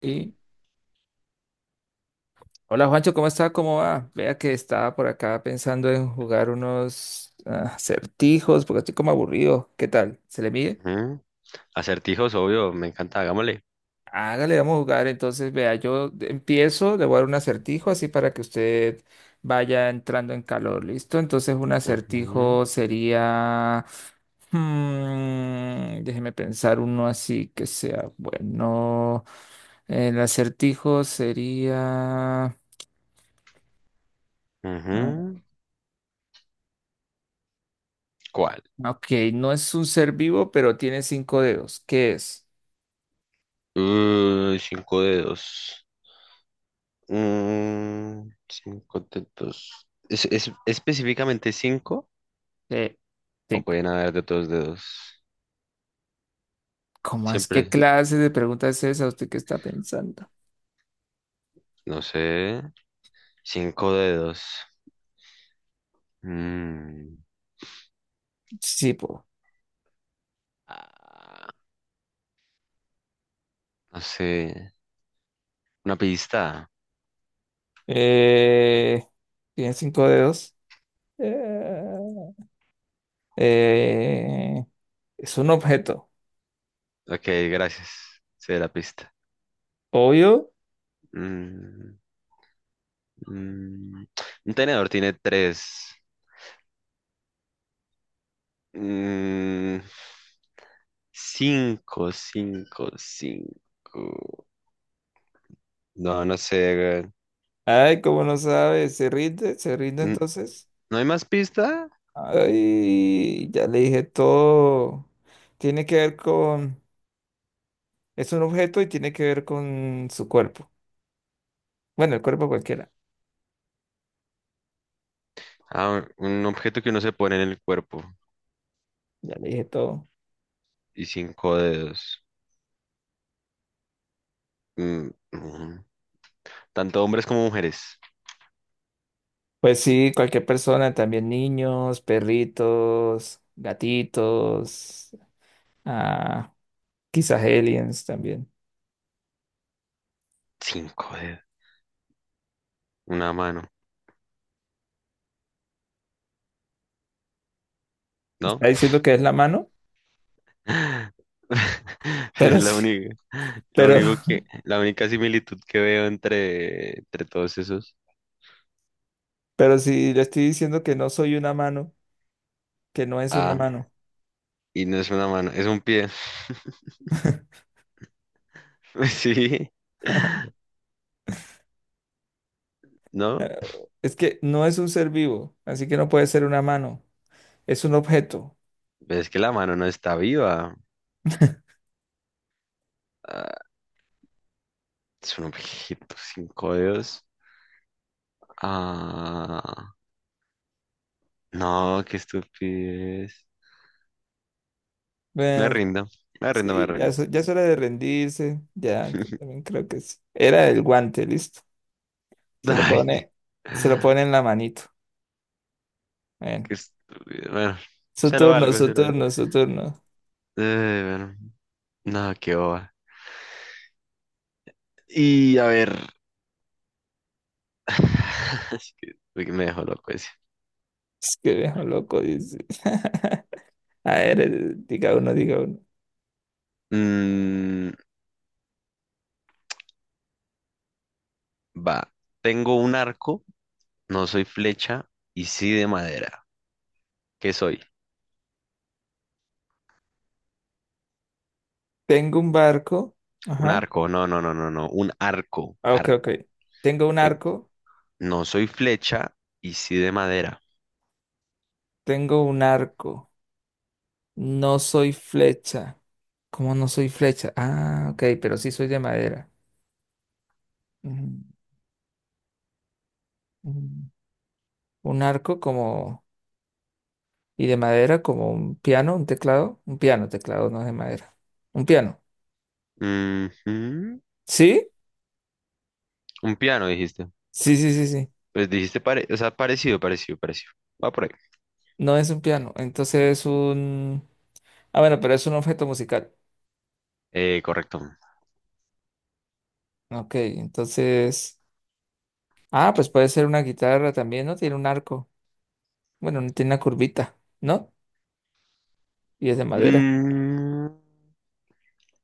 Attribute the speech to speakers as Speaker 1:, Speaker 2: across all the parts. Speaker 1: Y hola, Juancho, ¿cómo está? ¿Cómo va? Vea que estaba por acá pensando en jugar unos acertijos porque estoy como aburrido. ¿Qué tal? ¿Se le mide?
Speaker 2: Ujú. Acertijos, obvio, me encanta, hagámosle.
Speaker 1: Hágale, vamos a jugar. Entonces, vea, yo empiezo, le voy a dar un acertijo así para que usted vaya entrando en calor, ¿listo? Entonces, un
Speaker 2: Ujú,
Speaker 1: acertijo sería... déjeme pensar uno así que sea bueno. El acertijo sería... ah,
Speaker 2: ujú. ¿Cuál?
Speaker 1: Ok, no es un ser vivo, pero tiene cinco dedos. ¿Qué es?
Speaker 2: Cinco dedos. Mm, cinco dedos. ¿Es específicamente cinco?
Speaker 1: Eh,
Speaker 2: ¿O
Speaker 1: Cinco.
Speaker 2: pueden haber de dos dedos?
Speaker 1: ¿Cómo es? ¿Qué
Speaker 2: Siempre,
Speaker 1: clase de pregunta es esa? ¿Usted qué está pensando?
Speaker 2: no sé. Cinco dedos. Mm,
Speaker 1: Sí, po.
Speaker 2: ah, no sé. Una pista.
Speaker 1: Eh, Tiene cinco dedos. Eh, eh, es un objeto.
Speaker 2: Ok, gracias. Sé la pista.
Speaker 1: Obvio.
Speaker 2: Mm, mm. Un tenedor tiene tres. Mm, cinco, cinco, cinco. No, no sé, weón.
Speaker 1: Ay, ¿cómo no sabe? ¿Se rinde? ¿Se rinde
Speaker 2: Mm,
Speaker 1: entonces?
Speaker 2: ¿no hay más pista?
Speaker 1: Ay, ya le dije todo. Tiene que ver con... Es un objeto y tiene que ver con su cuerpo. Bueno, el cuerpo cualquiera.
Speaker 2: Ah, un objeto que uno se pone en el cuerpo
Speaker 1: Ya le dije todo.
Speaker 2: y cinco dedos. Mm, mm. Tanto hombres como mujeres.
Speaker 1: Pues sí, cualquier persona, también niños, perritos, gatitos, ah, quizás aliens también.
Speaker 2: Cinco dedos. Una mano,
Speaker 1: Está
Speaker 2: ¿no?
Speaker 1: diciendo que es la mano,
Speaker 2: Es
Speaker 1: pero
Speaker 2: la
Speaker 1: sí,
Speaker 2: única,
Speaker 1: pero,
Speaker 2: la única similitud que veo entre todos esos.
Speaker 1: pero sí le estoy diciendo que no soy una mano, que no es una
Speaker 2: Ah,
Speaker 1: mano.
Speaker 2: y no es una mano, es un pie. Sí. ¿No?
Speaker 1: Eh, Es que no es un ser vivo, así que no puede ser una mano. Es un objeto.
Speaker 2: Es que la mano no está viva. Ah, es un objeto sin codos. Ah, no, qué estupidez. Me
Speaker 1: Bueno,
Speaker 2: rindo, me rindo, me
Speaker 1: sí, ya,
Speaker 2: rindo.
Speaker 1: ya es hora de rendirse. Ya, yo también creo que sí. Era el guante, listo. Se lo
Speaker 2: Ay, qué,
Speaker 1: pone, se lo pone en la manito. Ven.
Speaker 2: qué estúpido. Bueno,
Speaker 1: Su
Speaker 2: se lo
Speaker 1: turno,
Speaker 2: valgo,
Speaker 1: su
Speaker 2: se lo valgo.
Speaker 1: turno, su turno.
Speaker 2: Bueno, no, qué boba. Y a ver. Es que uy, me dejó loco ese.
Speaker 1: Es que viejo loco, dice. A ver, diga uno, diga uno.
Speaker 2: Mm, va. Tengo un arco, no soy flecha y sí de madera. ¿Qué soy?
Speaker 1: Tengo un barco.
Speaker 2: Un
Speaker 1: Ajá.
Speaker 2: arco, no, no, no, no, no. Un arco,
Speaker 1: Ah, Ok, ok.
Speaker 2: arco.
Speaker 1: Tengo un
Speaker 2: Ven,
Speaker 1: arco.
Speaker 2: no soy flecha y sí de madera.
Speaker 1: Tengo un arco. No soy flecha. ¿Cómo no soy flecha? Ah, ok, pero sí soy de madera. Ujú, ujú. Un arco como... Y de madera como un piano, un teclado. Un piano, teclado no es de madera. Un piano.
Speaker 2: Ujú.
Speaker 1: ¿Sí?
Speaker 2: Un piano, dijiste.
Speaker 1: Sí, sí, sí, sí.
Speaker 2: Pues dijiste, o sea, parecido, parecido, parecido. Va por ahí.
Speaker 1: No es un piano, entonces es un... Ah, bueno, pero es un objeto musical.
Speaker 2: Correcto.
Speaker 1: Ok, entonces... Ah, pues puede ser una guitarra también, ¿no? Tiene un arco. Bueno, no tiene una curvita, ¿no? Y es de madera.
Speaker 2: Mm,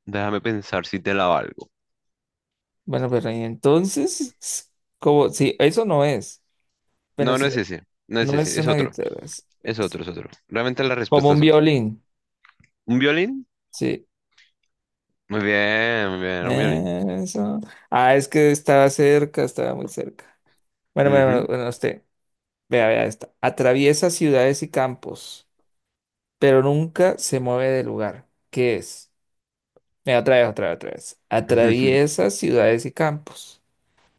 Speaker 2: déjame pensar si te la valgo.
Speaker 1: Bueno, pero y entonces... Como... Sí, eso no es. Bueno,
Speaker 2: No, no
Speaker 1: si
Speaker 2: es ese. No es
Speaker 1: no es
Speaker 2: ese. Es
Speaker 1: una
Speaker 2: otro.
Speaker 1: guitarra,
Speaker 2: Es
Speaker 1: es
Speaker 2: otro, es otro. Realmente la
Speaker 1: como
Speaker 2: respuesta
Speaker 1: un
Speaker 2: es otra.
Speaker 1: violín.
Speaker 2: ¿Un violín?
Speaker 1: Sí.
Speaker 2: Muy bien, un violín.
Speaker 1: Eso. Ah, es que estaba cerca, estaba muy cerca. Bueno, bueno, bueno,
Speaker 2: Ujú.
Speaker 1: bueno, usted. Vea, vea esta. Atraviesa ciudades y campos, pero nunca se mueve del lugar. ¿Qué es? Mira, otra vez, otra vez, otra vez. Atraviesa ciudades y campos,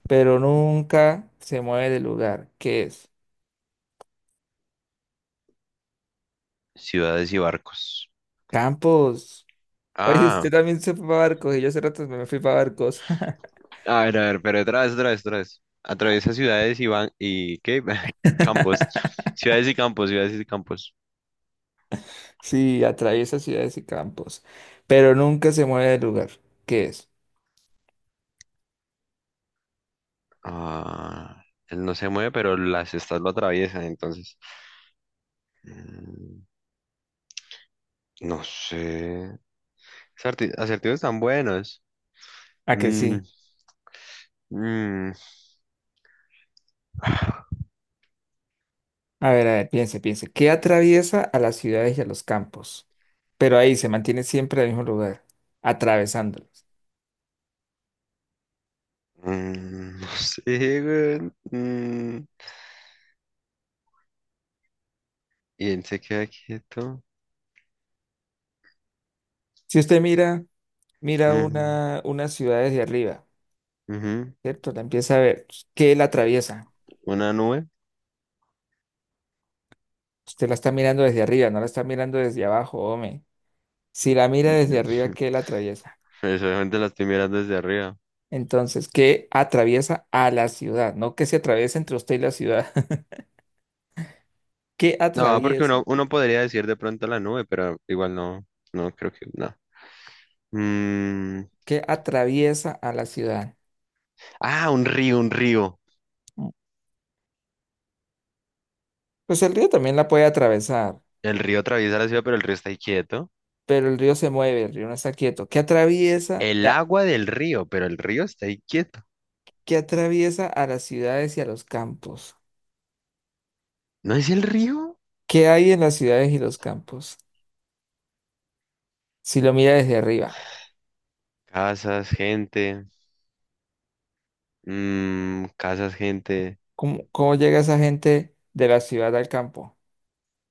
Speaker 1: pero nunca se mueve del lugar. ¿Qué es?
Speaker 2: Ciudades y barcos.
Speaker 1: Campos. Oye,
Speaker 2: Ah.
Speaker 1: usted también se fue para barcos y yo hace rato me fui para barcos.
Speaker 2: A ver, pero otra vez, otra vez, otra vez. Atraviesa ciudades y van y ¿qué? Campos. Ciudades y campos, ciudades y campos.
Speaker 1: Sí, atraviesa ciudades y campos, pero nunca se mueve del lugar. ¿Qué es?
Speaker 2: Ah, él no se mueve, pero las estas lo atraviesan, entonces. Mm, no sé. Acertijos tan buenos.
Speaker 1: ¿A que
Speaker 2: Mm,
Speaker 1: sí?
Speaker 2: mm,
Speaker 1: A ver, piense, piense. ¿Qué atraviesa a las ciudades y a los campos? Pero ahí se mantiene siempre en el mismo lugar, atravesándolos.
Speaker 2: mm, no sé, güey. Mm, y él se queda quieto.
Speaker 1: Si usted mira... mira
Speaker 2: Ujú,
Speaker 1: una ciudad desde arriba,
Speaker 2: ujú.
Speaker 1: ¿cierto? La empieza a ver. Pues, ¿qué la atraviesa?
Speaker 2: Una nube.
Speaker 1: Usted la está mirando desde arriba, no la está mirando desde abajo, hombre. Si la mira desde arriba, ¿qué la atraviesa?
Speaker 2: Eso solamente la estoy mirando desde arriba.
Speaker 1: Entonces, ¿qué atraviesa a la ciudad? No que se atraviesa entre usted y la ciudad. ¿Qué
Speaker 2: No, porque
Speaker 1: atraviesa?
Speaker 2: uno podría decir de pronto la nube, pero igual no, no creo que, no. Mm,
Speaker 1: ¿Qué atraviesa a la ciudad?
Speaker 2: ah, un río, un río.
Speaker 1: Mm. Pues el río también la puede atravesar,
Speaker 2: El río atraviesa la ciudad, pero el río está ahí quieto.
Speaker 1: pero el río se mueve, el río no está quieto. ¿Qué atraviesa?
Speaker 2: El agua del río, pero el río está ahí quieto.
Speaker 1: ¿Qué atraviesa a las ciudades y a los campos?
Speaker 2: ¿No es el río?
Speaker 1: ¿Qué hay en las ciudades y los campos? Si lo mira desde arriba,
Speaker 2: Casas, gente, mm, casas, gente,
Speaker 1: ¿cómo, cómo llega esa gente de la ciudad al campo?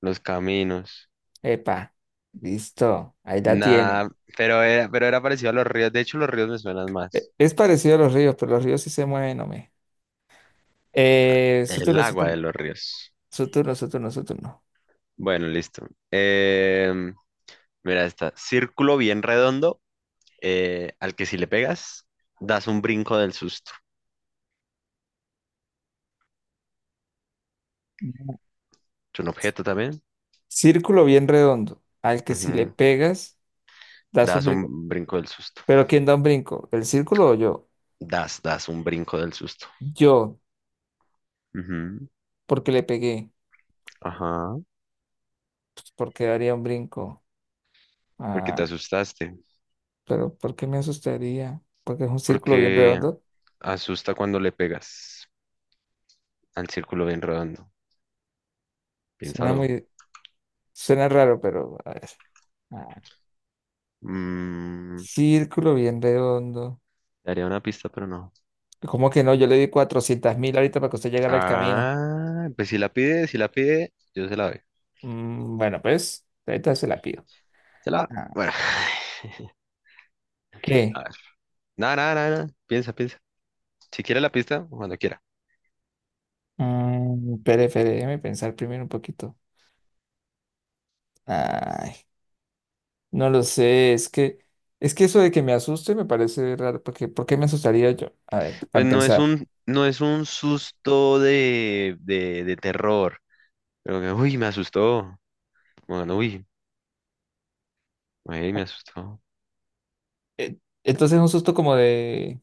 Speaker 2: los caminos.
Speaker 1: Epa, listo, ahí la tiene.
Speaker 2: Nada. Pero era, pero era parecido a los ríos. De hecho, los ríos me suenan
Speaker 1: E-
Speaker 2: más.
Speaker 1: Es parecido a los ríos, pero los ríos sí se mueven, hombre. Su
Speaker 2: El
Speaker 1: turno, su
Speaker 2: agua de
Speaker 1: turno,
Speaker 2: los ríos.
Speaker 1: su turno, su turno, su turno.
Speaker 2: Bueno, listo. Mira esta. Círculo bien redondo al que si le pegas, das un brinco del susto. Es un objeto también.
Speaker 1: Círculo bien redondo, al que si le
Speaker 2: Ujú.
Speaker 1: pegas, das un
Speaker 2: Das
Speaker 1: brinco.
Speaker 2: un brinco del susto.
Speaker 1: Pero ¿quién da un brinco? ¿El círculo o yo?
Speaker 2: Das un brinco del susto.
Speaker 1: Yo,
Speaker 2: Ujú.
Speaker 1: porque le pegué,
Speaker 2: Ajá.
Speaker 1: pues porque daría un brinco.
Speaker 2: Porque te
Speaker 1: Ah,
Speaker 2: asustaste.
Speaker 1: pero ¿por qué me asustaría? Porque es un círculo bien
Speaker 2: Porque
Speaker 1: redondo.
Speaker 2: asusta cuando le pegas al círculo bien rodando.
Speaker 1: Suena
Speaker 2: Piénsalo.
Speaker 1: muy, Suena raro, pero a ver. Ah,
Speaker 2: Mm,
Speaker 1: círculo bien redondo.
Speaker 2: daría una pista, pero no.
Speaker 1: ¿Cómo que no? Yo le di 400.000 ahorita para que usted llegara al camino.
Speaker 2: Ah, pues si la pide, si la pide, yo se la doy.
Speaker 1: Mm, bueno, pues, ahorita se la pido.
Speaker 2: Se la.
Speaker 1: Ah,
Speaker 2: Bueno, a
Speaker 1: ¿Qué?
Speaker 2: ver. Nada, nada, nada, nada. Piensa, piensa. Si quiere la pista, cuando quiera.
Speaker 1: Espere, espere, déjeme pensar primero un poquito. Ay, no lo sé, es que eso de que me asuste me parece raro, porque ¿por qué me asustaría yo? A ver, para
Speaker 2: Pues no es
Speaker 1: empezar.
Speaker 2: un, no es un susto de terror. Pero que, uy, me asustó. Bueno, uy, ay, me asustó.
Speaker 1: Eh, entonces es un susto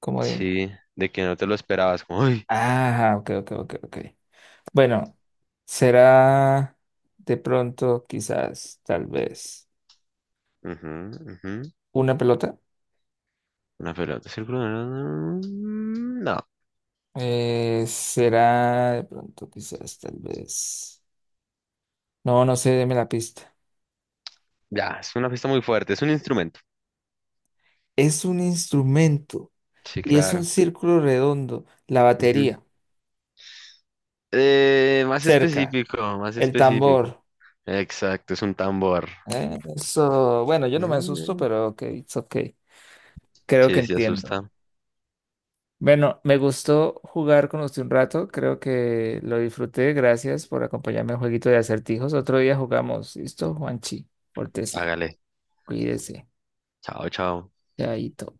Speaker 1: como de,
Speaker 2: Sí, de que no te lo esperabas. Como, uy,
Speaker 1: ok, ok, ok, ok. Bueno, será de pronto, quizás, tal vez,
Speaker 2: ujú, ujú,
Speaker 1: una pelota.
Speaker 2: una pelota circular. Mm, no,
Speaker 1: Será de pronto, quizás, tal vez. No, no sé, deme la pista.
Speaker 2: ya, es una fiesta muy fuerte. Es un instrumento.
Speaker 1: Es un instrumento
Speaker 2: Sí,
Speaker 1: y es un
Speaker 2: claro.
Speaker 1: círculo redondo. La
Speaker 2: Ujú.
Speaker 1: batería,
Speaker 2: Más
Speaker 1: cerca,
Speaker 2: específico, más
Speaker 1: el
Speaker 2: específico.
Speaker 1: tambor.
Speaker 2: Exacto, es un tambor.
Speaker 1: Eso, bueno, yo no me asusto,
Speaker 2: Mm,
Speaker 1: pero ok, it's ok. Creo que
Speaker 2: sí, sí,
Speaker 1: entiendo.
Speaker 2: asusta.
Speaker 1: Bueno, me gustó jugar con usted un rato, creo que lo disfruté. Gracias por acompañarme al jueguito de acertijos. Otro día jugamos. ¿Listo, Juanchi? Pórtese,
Speaker 2: Hágale.
Speaker 1: cuídese,
Speaker 2: Chao, chao.
Speaker 1: chaito.